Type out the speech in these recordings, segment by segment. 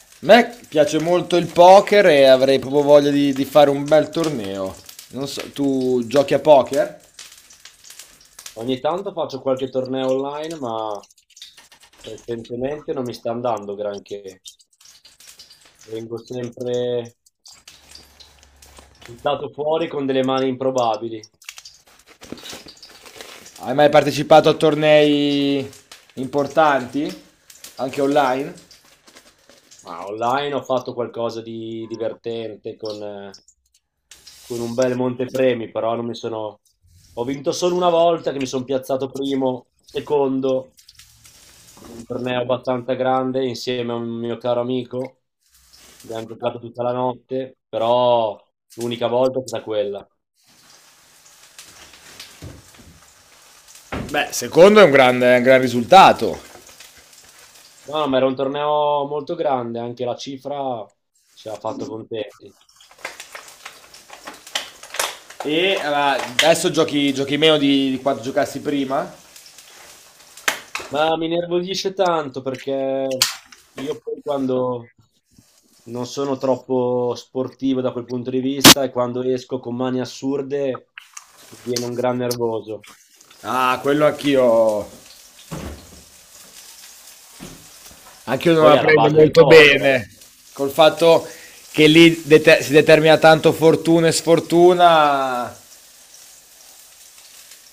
A me piace molto il poker e avrei proprio voglia di fare un bel torneo. Non so, tu giochi a poker? Ogni tanto faccio qualche torneo online, ma recentemente non mi sta andando granché. Vengo sempre buttato fuori con delle mani improbabili. Hai mai partecipato a tornei importanti? Anche online? Ma online ho fatto qualcosa di divertente con un bel montepremi, però non mi sono... Ho vinto solo una volta che mi sono piazzato primo, secondo, in un torneo abbastanza grande insieme a un mio caro amico. Abbiamo giocato tutta la notte, però l'unica volta è stata quella. Beh, secondo è un gran risultato. No, no, ma era un torneo molto grande, anche la cifra ci ha fatto contenti. Adesso giochi meno di quanto giocassi prima? Ma mi nervosisce tanto perché io poi quando non sono troppo sportivo da quel punto di vista e quando esco con mani assurde mi viene un gran nervoso. Ah, quello anch'io. Anch'io non Poi è la alla prendo base del molto poker. Eh. bene. Col fatto che lì si determina tanto fortuna e sfortuna,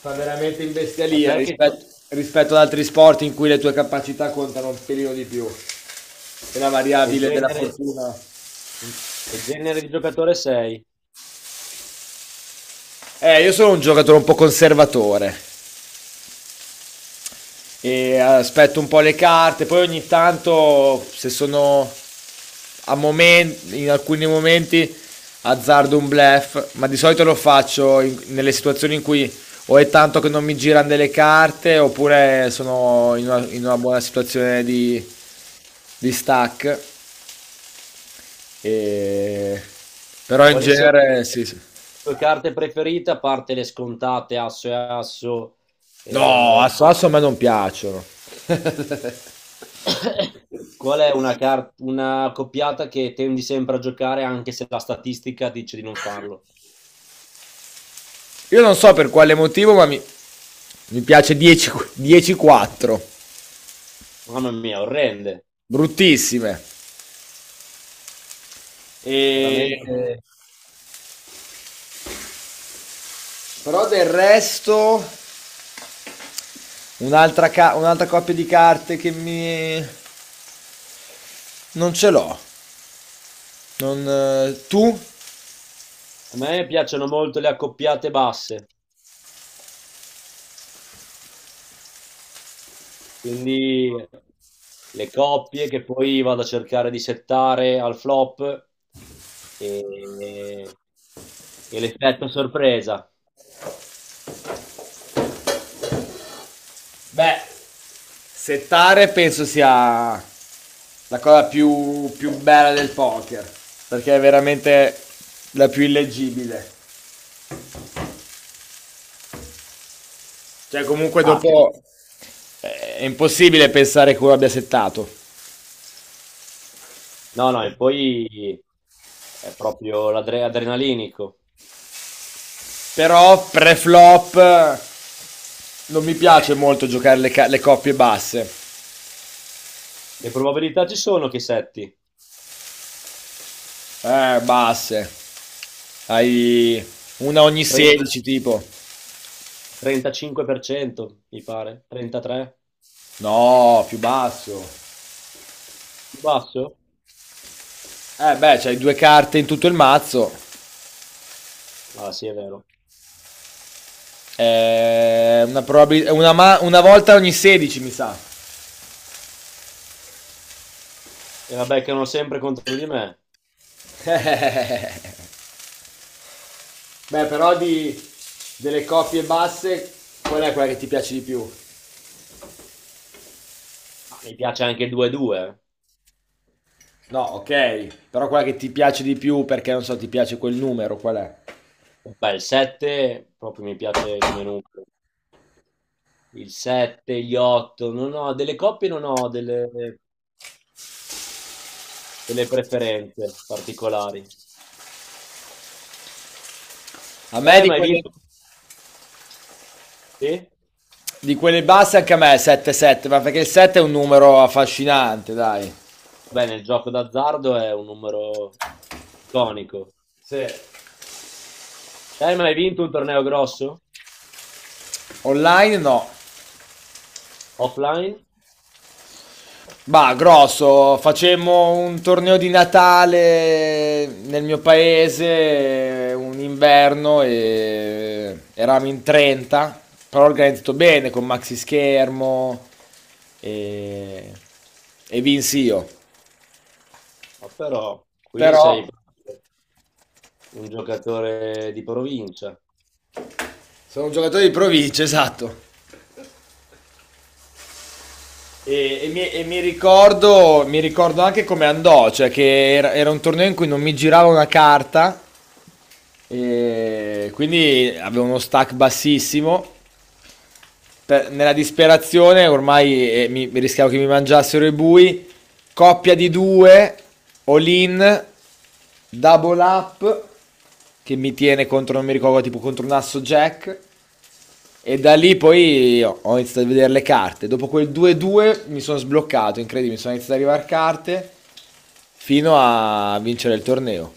fa veramente in A bestialia te rispetto ad altri sport in cui le tue capacità contano un pelino di più e la che variabile della genere, fortuna. che genere di giocatore sei? Io sono un giocatore un po' conservatore e aspetto un po' le carte, poi ogni tanto se sono in alcuni momenti azzardo un bluff, ma di solito lo faccio nelle situazioni in cui o è tanto che non mi girano delle carte oppure sono in una buona situazione di stack. E... Però in Quali sono le genere sì, sì. tue carte preferite, a parte le scontate, asso e asso? No, E... Asso Asso a me non piacciono. Qual è una, una coppiata che tendi sempre a giocare anche se la statistica dice di non farlo? Io non so per quale motivo, ma mi piace 10 10-4. Mamma mia, orrende. Bruttissime. E... Veramente. Però del resto, un'altra coppia di carte che mi... Non ce l'ho. Non, tu? A me piacciono molto le accoppiate basse, quindi le coppie che poi vado a cercare di settare al flop e, e l'effetto sorpresa. Beh, settare penso sia la cosa più bella del poker, perché è veramente la più illeggibile. Cioè, comunque Ah, sì. dopo è impossibile pensare che uno abbia settato. No, no, e poi è proprio l'adrenalinico. Però pre-flop non mi piace molto giocare le coppie basse. Che probabilità ci sono che setti? Basse. Hai una ogni 30 16 tipo. 35%, mi pare, 33%, No, più basso. più basso? Eh beh, c'hai due carte in tutto il mazzo. Ah sì, è vero. Una volta ogni 16 mi sa. E la beccano sempre contro di me. Beh, però delle coppie basse, qual è quella che ti piace di più? Ma mi piace anche il 2-2. No, ok, però quella che ti piace di più perché non so, ti piace quel numero, qual è? Eh. Beh, il 7 proprio mi piace come numero. Il 7, gli 8, non ho delle coppie, non ho delle, delle preferenze particolari. A me di Ma hai quelle, vinto? Sì? di quelle basse anche a me è 7-7, ma perché il 7 è un numero affascinante, dai. Beh, nel gioco d'azzardo è un numero iconico. Sì. Ma hai vinto un torneo grosso? Online no. Offline? Bah, grosso, facemmo un torneo di Natale nel mio paese, un inverno, e eravamo in 30, però organizzato bene con maxi schermo e, e vinsi io. Ma però, quindi Però sei... un giocatore di provincia. sono un giocatore di provincia, esatto. Mi ricordo anche come andò, cioè che era un torneo in cui non mi girava una carta, e quindi avevo uno stack bassissimo nella disperazione ormai mi rischiavo che mi mangiassero i bui. Coppia di due, all in, double up, che mi tiene contro, non mi ricordo, tipo contro un asso jack. E da lì poi ho iniziato a vedere le carte. Dopo quel 2-2 mi sono sbloccato, incredibile, sono iniziato ad arrivare carte fino a vincere il torneo.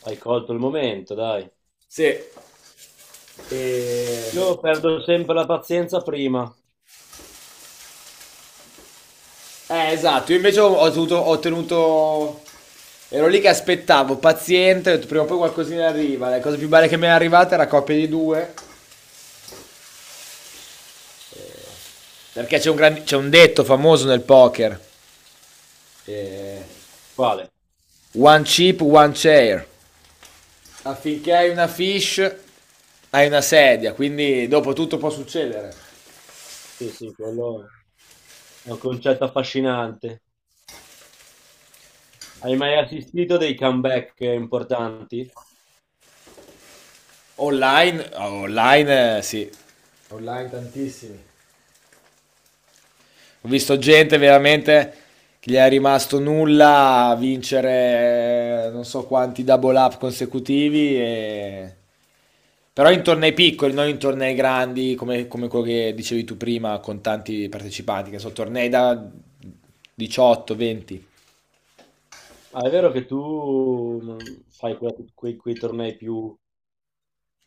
Hai colto il momento, dai. Sì. E... Io perdo sempre la pazienza prima. esatto, io invece ho ottenuto... Ero lì che aspettavo, paziente, ho detto, prima o poi qualcosina arriva. La cosa più bella che mi è arrivata era coppia di due, perché c'è c'è un detto famoso nel poker. eh, Quale? One chip, one chair. Affinché hai una fish, hai una sedia, quindi dopo tutto può succedere. Sì, sì, quello è un concetto affascinante. Hai mai assistito a dei comeback importanti? Online, sì. Online tantissimi. Ho visto gente veramente che gli è rimasto nulla a vincere non so quanti double up consecutivi, però in tornei piccoli, non in tornei grandi come quello che dicevi tu prima con tanti partecipanti, che sono tornei da 18, 20. Ah, è vero che tu fai quei, quei tornei più,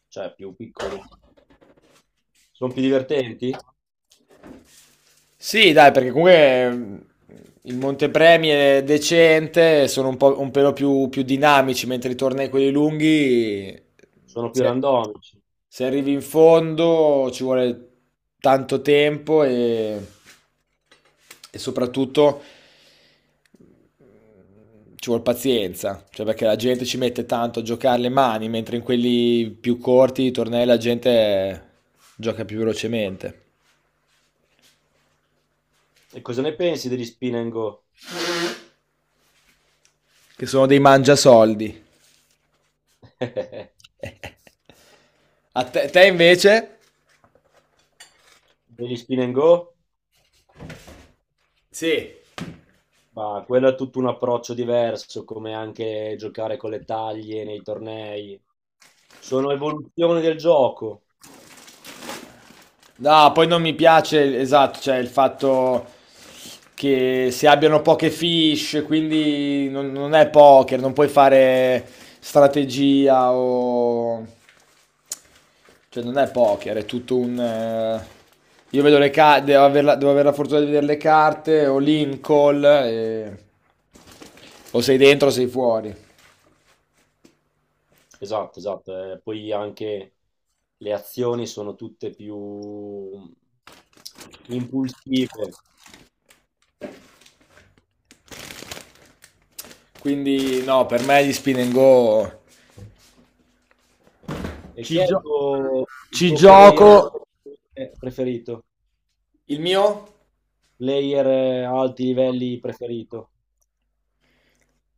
cioè, più piccoli. Sono più divertenti? Sì, dai, perché comunque il Montepremi è decente, sono un pelo più dinamici, mentre i tornei quelli lunghi... Sono più se- randomici. Se arrivi in fondo ci vuole tanto tempo e soprattutto ci vuole pazienza, cioè perché la gente ci mette tanto a giocare le mani, mentre in quelli più corti i tornei la gente gioca più velocemente, E cosa ne pensi degli spin and go? che sono dei mangiasoldi. A te invece? Degli spin and go? Sì. Ma quello è tutto un approccio diverso, come anche giocare con le taglie nei tornei. Sono evoluzioni del gioco. No, poi non mi piace, esatto, cioè il fatto che si abbiano poche fish, quindi non è poker, non puoi fare strategia o... cioè non è poker, è tutto un... Io vedo le carte, devo avere la fortuna di vedere le carte, o in call, o sei dentro o sei fuori. Esatto, esatto. Poi anche le azioni sono tutte più impulsive. Quindi no, per me gli spin and go... E Ci, chi è gio- il ci tuo player gioco... preferito? Il mio? Player a alti livelli preferito?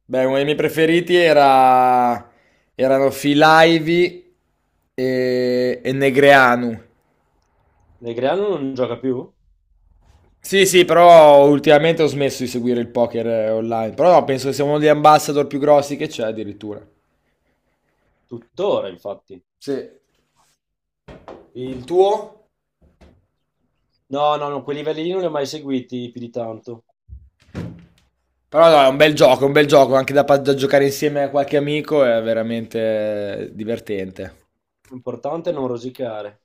Beh, uno dei miei preferiti erano Filaivi e Negreanu. Negreanu non gioca più? Sì, sì, però ultimamente ho smesso di seguire il poker online. Però no, penso che sia uno degli ambassador più grossi che c'è addirittura. Tuttora, infatti. Sì. Il tuo? No, no, no, quei livelli lì non li ho mai seguiti più di tanto. Però no, è un bel gioco, è un bel gioco, anche da giocare insieme a qualche amico è veramente divertente. L'importante è non rosicare.